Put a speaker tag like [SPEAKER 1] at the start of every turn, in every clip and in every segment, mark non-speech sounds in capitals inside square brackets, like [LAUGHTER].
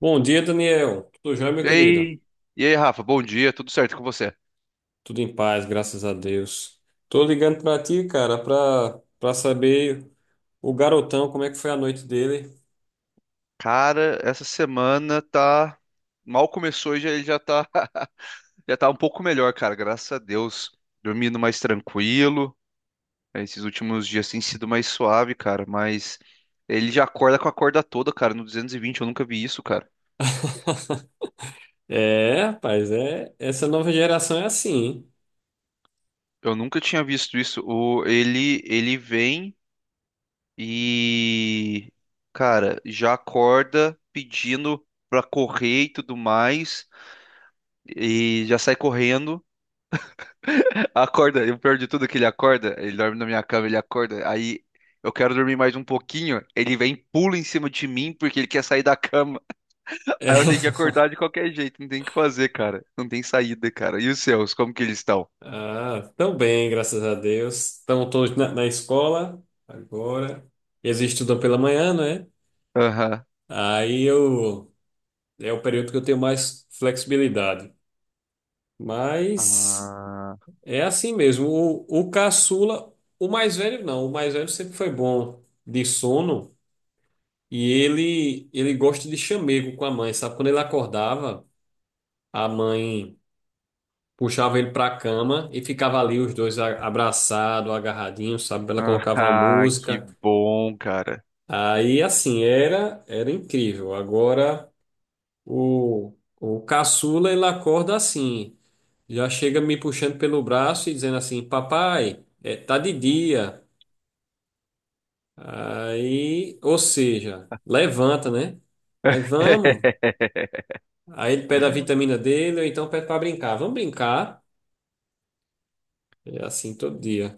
[SPEAKER 1] Bom dia, Daniel. Tudo jóia, meu
[SPEAKER 2] E
[SPEAKER 1] querido?
[SPEAKER 2] aí, e aí, Rafa, bom dia, tudo certo com você?
[SPEAKER 1] Tudo em paz, graças a Deus. Tô ligando pra ti, cara, pra saber o garotão, como é que foi a noite dele.
[SPEAKER 2] Cara, essa semana tá. Mal começou e ele já tá... [LAUGHS] já tá um pouco melhor, cara, graças a Deus. Dormindo mais tranquilo. Esses últimos dias tem sido mais suave, cara, mas ele já acorda com a corda toda, cara, no 220 eu nunca vi isso, cara.
[SPEAKER 1] É, rapaz, é, essa nova geração é assim, hein?
[SPEAKER 2] Eu nunca tinha visto isso. O... Ele... ele vem e. Cara, já acorda pedindo pra correr e tudo mais, e já sai correndo. Acorda, e o pior de tudo é que ele acorda, ele dorme na minha cama, ele acorda, aí eu quero dormir mais um pouquinho, ele vem, e pula em cima de mim porque ele quer sair da cama. [LAUGHS]
[SPEAKER 1] É.
[SPEAKER 2] Aí eu tenho que
[SPEAKER 1] [LAUGHS]
[SPEAKER 2] acordar de qualquer jeito, não tem o que fazer, cara. Não tem saída, cara. E os seus, como que eles estão?
[SPEAKER 1] Ah, tão bem, graças a Deus. Estão todos na escola agora. Eles estudam pela manhã, né?
[SPEAKER 2] Aham.
[SPEAKER 1] Aí eu, é o período que eu tenho mais flexibilidade. Mas.
[SPEAKER 2] Ah,
[SPEAKER 1] É assim mesmo. O caçula, o mais velho não, o mais velho sempre foi bom de sono e ele gosta de chamego com a mãe, sabe? Quando ele acordava, a mãe puxava ele para a cama e ficava ali os dois abraçados, agarradinhos, sabe? Ela colocava uma
[SPEAKER 2] ah, que
[SPEAKER 1] música.
[SPEAKER 2] bom, cara.
[SPEAKER 1] Aí assim, era incrível. Agora o o caçula ele acorda assim, já chega me puxando pelo braço e dizendo assim: "Papai, é, tá de dia." Aí, ou seja, levanta, né? Aí vamos.
[SPEAKER 2] [LAUGHS]
[SPEAKER 1] Aí ele pede a vitamina dele, ou então pede para brincar. Vamos brincar. É assim todo dia.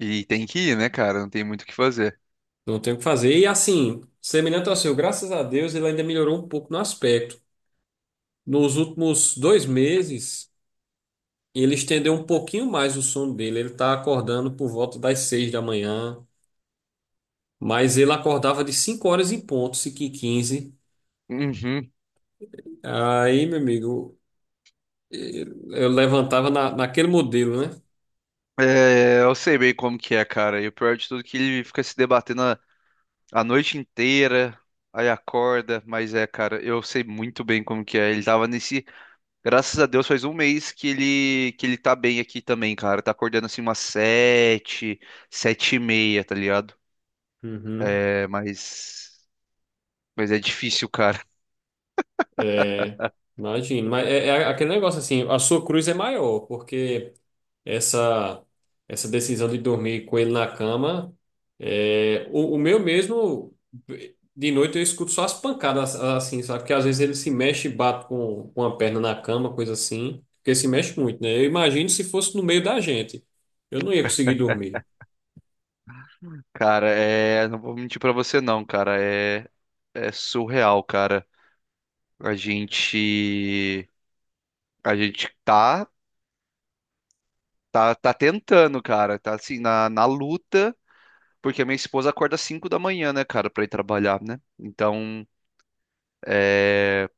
[SPEAKER 2] E tem que ir, né, cara? Não tem muito o que fazer.
[SPEAKER 1] Não tem o que fazer. E assim, semelhante ao seu, graças a Deus, ele ainda melhorou um pouco no aspecto. Nos últimos 2 meses, ele estendeu um pouquinho mais o sono dele. Ele tá acordando por volta das 6 da manhã. Mas ele acordava de 5 horas em ponto, 5 e 15.
[SPEAKER 2] Uhum.
[SPEAKER 1] Aí, meu amigo, eu levantava naquele modelo, né?
[SPEAKER 2] É, eu sei bem como que é, cara. E o pior de tudo é que ele fica se debatendo a noite inteira, aí acorda, mas é, cara, eu sei muito bem como que é. Graças a Deus, faz um mês que ele tá bem aqui também, cara. Tá acordando assim umas sete, sete e meia, tá ligado?
[SPEAKER 1] Uhum.
[SPEAKER 2] É, mas é difícil, cara. [LAUGHS]
[SPEAKER 1] É, imagino. Mas é aquele negócio assim, a sua cruz é maior, porque essa essa decisão de dormir com ele na cama, é, o meu mesmo, de noite eu escuto só as pancadas assim, sabe? Porque às vezes ele se mexe e bate com a perna na cama, coisa assim, porque se mexe muito, né? Eu imagino se fosse no meio da gente, eu não ia conseguir dormir.
[SPEAKER 2] Cara, é, não vou mentir pra você não, cara. É surreal, cara. A gente a gente tá tentando, cara. Tá assim na luta. Porque a minha esposa acorda às 5 da manhã, né, cara, pra ir trabalhar, né? Então, é,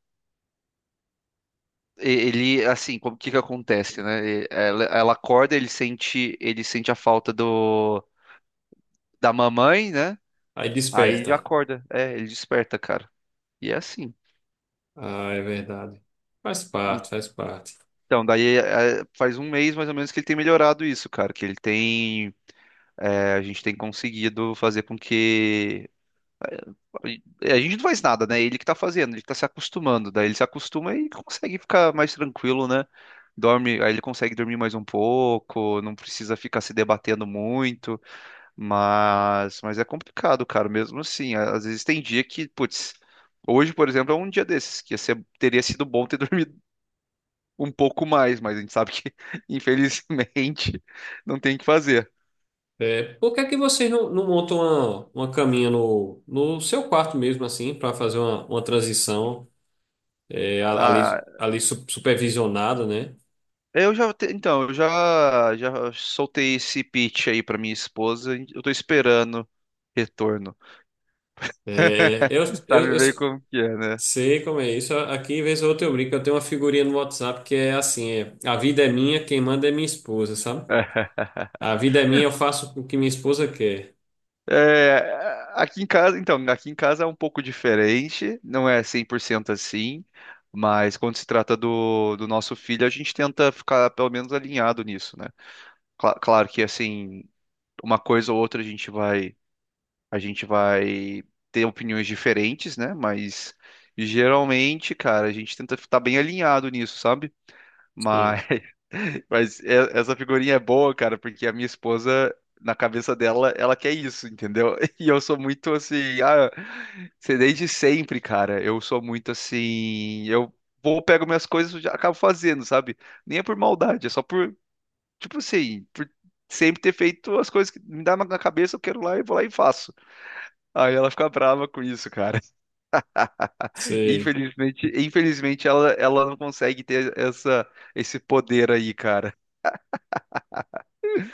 [SPEAKER 2] e- ele, assim, como o que que acontece, né? E- Ela acorda, ele sente a falta do da mamãe, né?
[SPEAKER 1] Aí
[SPEAKER 2] Aí ele já
[SPEAKER 1] desperta.
[SPEAKER 2] acorda, ele desperta, cara. E é assim.
[SPEAKER 1] Ah, é verdade. Faz parte, faz parte.
[SPEAKER 2] Então, faz um mês mais ou menos que ele tem melhorado isso, cara, que ele tem, é, a gente tem conseguido fazer com que É, a gente não faz nada, né? Ele que tá fazendo, ele que tá se acostumando. Daí ele se acostuma e consegue ficar mais tranquilo, né? Dorme, aí ele consegue dormir mais um pouco, não precisa ficar se debatendo muito, mas, é complicado, cara, mesmo assim. Às vezes tem dia que, putz, hoje, por exemplo, é um dia desses, que ia ser- teria sido bom ter [LAUGHS] dormido um pouco mais, mas a gente sabe que, [LAUGHS] infelizmente, não tem o que fazer.
[SPEAKER 1] É, por que é que vocês não montam uma caminha no seu quarto mesmo, assim, para fazer uma transição é, a- ali,
[SPEAKER 2] Ah,
[SPEAKER 1] ali supervisionada, né?
[SPEAKER 2] é, então, já soltei esse pitch aí pra minha esposa. Eu tô esperando retorno.
[SPEAKER 1] É, eu,
[SPEAKER 2] [LAUGHS]
[SPEAKER 1] eu,
[SPEAKER 2] Sabe
[SPEAKER 1] eu
[SPEAKER 2] bem como que é, né?
[SPEAKER 1] sei como é isso. Aqui, vez ou outra, eu brinco. Eu tenho uma figurinha no WhatsApp que é assim: é, a vida é minha, quem manda é minha esposa, sabe? A
[SPEAKER 2] [LAUGHS]
[SPEAKER 1] vida é minha, eu faço o que minha esposa quer.
[SPEAKER 2] É, aqui em casa é um pouco diferente, não é 100% assim, mas quando se trata do nosso filho, a gente tenta ficar pelo menos alinhado nisso, né? Cla- claro que, assim, uma coisa ou outra a gente vai ter opiniões diferentes, né? Mas geralmente, cara, a gente tenta estar bem alinhado nisso, sabe?
[SPEAKER 1] Sim,
[SPEAKER 2] Mas, [LAUGHS] mas é- essa figurinha é boa, cara, porque a minha esposa, na cabeça dela, ela quer isso, entendeu? [LAUGHS] E eu sou muito assim, ah, sei desde sempre, cara. Eu sou muito assim, eu vou, pego minhas coisas e já acabo fazendo, sabe? Nem é por maldade, é só por, tipo assim, por sempre ter feito as coisas que me dá na cabeça, eu quero lá e vou lá e faço. Aí ela fica brava com isso, cara.
[SPEAKER 1] sei.
[SPEAKER 2] Infelizmente, ela, ela não consegue ter essa, esse poder aí, cara.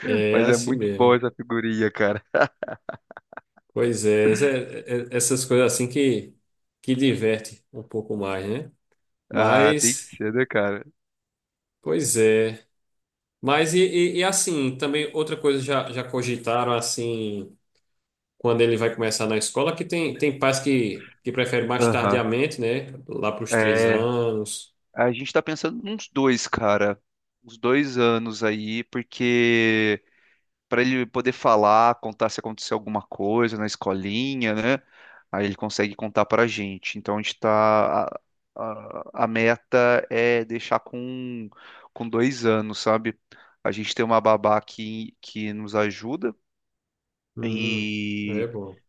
[SPEAKER 1] É
[SPEAKER 2] Mas é
[SPEAKER 1] assim
[SPEAKER 2] muito boa
[SPEAKER 1] mesmo.
[SPEAKER 2] essa figurinha, cara.
[SPEAKER 1] Pois é, essas coisas assim que diverte um pouco mais, né?
[SPEAKER 2] Ah, tem que
[SPEAKER 1] Mas,
[SPEAKER 2] ser, né, cara?
[SPEAKER 1] pois é. Mas e, e assim, também outra coisa já cogitaram assim, quando ele vai começar na escola, que tem pais que preferem mais
[SPEAKER 2] Aham.
[SPEAKER 1] tardiamente, né? Lá para os três
[SPEAKER 2] É,
[SPEAKER 1] anos.
[SPEAKER 2] a gente tá pensando uns dois, cara. Uns dois anos aí, porque para ele poder falar, contar se aconteceu alguma coisa na escolinha, né? Aí ele consegue contar para a gente. Então a gente tá. A meta é deixar com dois anos, sabe? A gente tem uma babá que nos ajuda.
[SPEAKER 1] Hum, É
[SPEAKER 2] E
[SPEAKER 1] bom.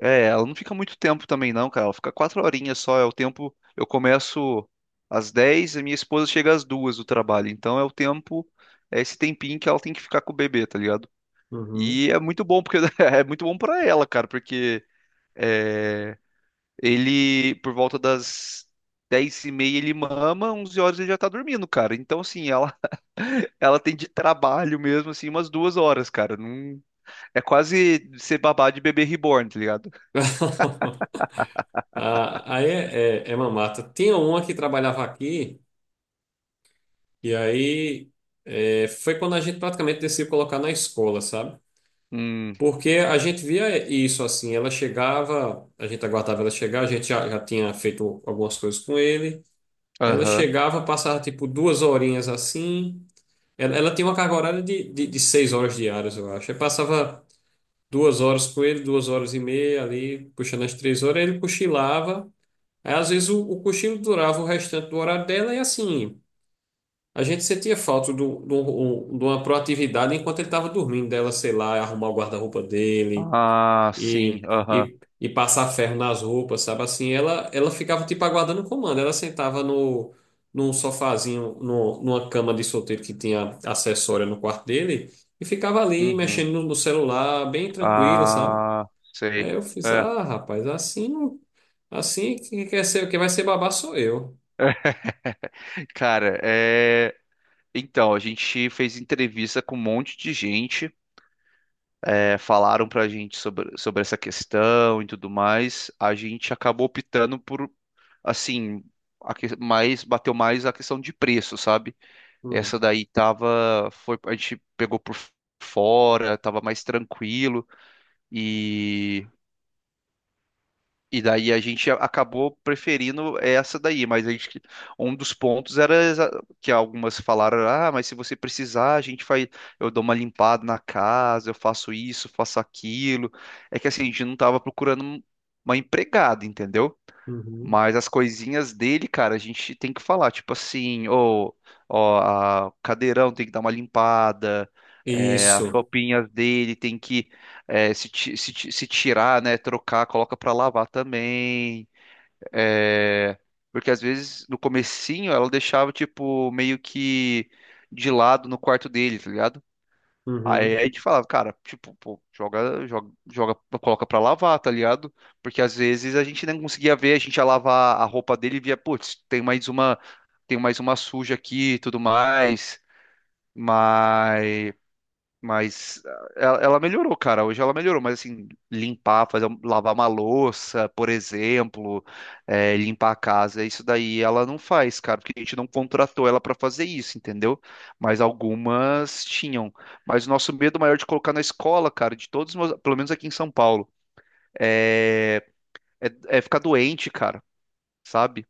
[SPEAKER 2] é, ela não fica muito tempo também, não, cara. Ela fica quatro horinhas só. É o tempo. Eu começo às 10 e minha esposa chega às duas do trabalho. Então é o tempo, é esse tempinho que ela tem que ficar com o bebê, tá ligado?
[SPEAKER 1] Uhum.
[SPEAKER 2] E é muito bom, porque [LAUGHS] é muito bom pra ela, cara, porque é, ele, por volta das 10 e meia, ele mama, 11 horas ele já tá dormindo, cara. Então, assim, ela, [LAUGHS] ela tem de trabalho mesmo, assim, umas duas horas, cara. Não, é quase ser babá de bebê reborn, tá ligado?
[SPEAKER 1] [LAUGHS] Ah, aí é mamata. Tinha uma que trabalhava aqui, e aí é, foi quando a gente praticamente decidiu colocar na escola, sabe?
[SPEAKER 2] Hum,
[SPEAKER 1] Porque a gente via isso assim, ela chegava, a gente aguardava ela chegar, a gente já tinha feito algumas coisas com ele. Ela
[SPEAKER 2] aham.
[SPEAKER 1] chegava, passava tipo 2 horinhas assim. Ela tinha uma carga horária de 6 horas diárias, eu acho. Aí passava 2 horas com ele, 2 horas e meia ali, puxando as 3 horas, aí ele cochilava. Aí às vezes o cochilo durava o restante do horário dela e assim, a gente sentia falta do de uma proatividade enquanto ele estava dormindo, dela, sei lá, arrumar o guarda-roupa dele
[SPEAKER 2] Ah, sim,
[SPEAKER 1] e,
[SPEAKER 2] aham.
[SPEAKER 1] e, e passar ferro nas roupas, sabe? Assim, ela ficava tipo aguardando o comando. Ela sentava num sofazinho, no, numa cama de solteiro que tinha acessória no quarto dele e ficava ali
[SPEAKER 2] Uhum.
[SPEAKER 1] mexendo no celular, bem tranquila, sabe?
[SPEAKER 2] Ah,
[SPEAKER 1] Aí
[SPEAKER 2] sei.
[SPEAKER 1] eu fiz,
[SPEAKER 2] É.
[SPEAKER 1] ah, rapaz, assim, assim que quer ser, que vai ser babá sou eu.
[SPEAKER 2] [LAUGHS] Cara, é... então, a gente fez entrevista com um monte de gente. É, falaram para a gente sobre essa questão e tudo mais, a gente acabou optando por, assim, a que- mais, bateu mais a questão de preço, sabe?
[SPEAKER 1] Hum,
[SPEAKER 2] Essa daí tava, foi, a gente pegou por fora, tava mais tranquilo e daí a gente a- acabou preferindo essa daí, mas a gente, um dos pontos era exa- que algumas falaram, ah, mas se você precisar, a gente faz, eu dou uma limpada na casa, eu faço isso, faço aquilo. É que assim, a gente não estava procurando um- uma empregada, entendeu?
[SPEAKER 1] uhum.
[SPEAKER 2] Mas as coisinhas dele, cara, a gente tem que falar, tipo assim, ô, ó, a- o cadeirão tem que dar uma limpada, é, as
[SPEAKER 1] Isso.
[SPEAKER 2] roupinhas dele tem que é, se tirar, né, trocar, coloca pra lavar também, é, porque às vezes no comecinho ela deixava, tipo, meio que de lado no quarto dele, tá ligado? Aí
[SPEAKER 1] Uhum.
[SPEAKER 2] a gente falava, cara, tipo, pô, joga, coloca pra lavar, tá ligado? Porque às vezes a gente não conseguia ver, a gente ia lavar a roupa dele e via, putz, tem mais uma suja aqui e tudo mais. Mas ah, ela melhorou, cara. Hoje ela melhorou, mas assim, limpar, fazer, um- lavar uma louça, por exemplo, eh, limpar a casa, isso daí ela não faz, cara, porque a gente não contratou ela pra fazer isso, entendeu? Mas algumas tinham. Mas o nosso medo maior de colocar na escola, cara, de todos, os meus- pelo menos aqui em São Paulo, é, é, é ficar doente, cara, sabe?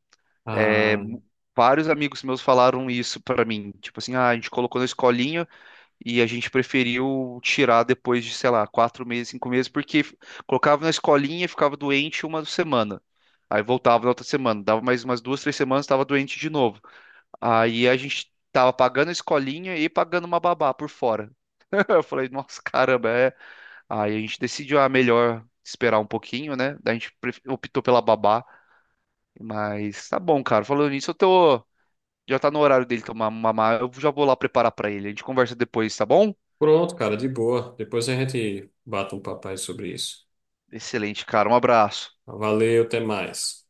[SPEAKER 2] É,
[SPEAKER 1] Ah,
[SPEAKER 2] mu- vários amigos meus falaram isso pra mim, tipo assim, ah, a gente colocou na escolinha. E a gente preferiu tirar depois de, sei lá, 4 meses, 5 meses, porque f- colocava na escolinha, ficava doente uma semana. Aí voltava na outra semana, dava mais umas duas, três semanas, estava doente de novo. Aí a gente tava pagando a escolinha e pagando uma babá por fora. [LAUGHS] Eu falei, nossa, caramba, é. Aí a gente decidiu, ah, melhor esperar um pouquinho, né? Daí a gente pref- optou pela babá, mas tá bom, cara. Falando nisso, eu tô. Já tá no horário dele tomar mamar, eu já vou lá preparar pra ele. A gente conversa depois, tá bom?
[SPEAKER 1] pronto, cara, de boa. Depois a gente bate um papai sobre isso.
[SPEAKER 2] Excelente, cara. Um abraço.
[SPEAKER 1] Valeu, até mais.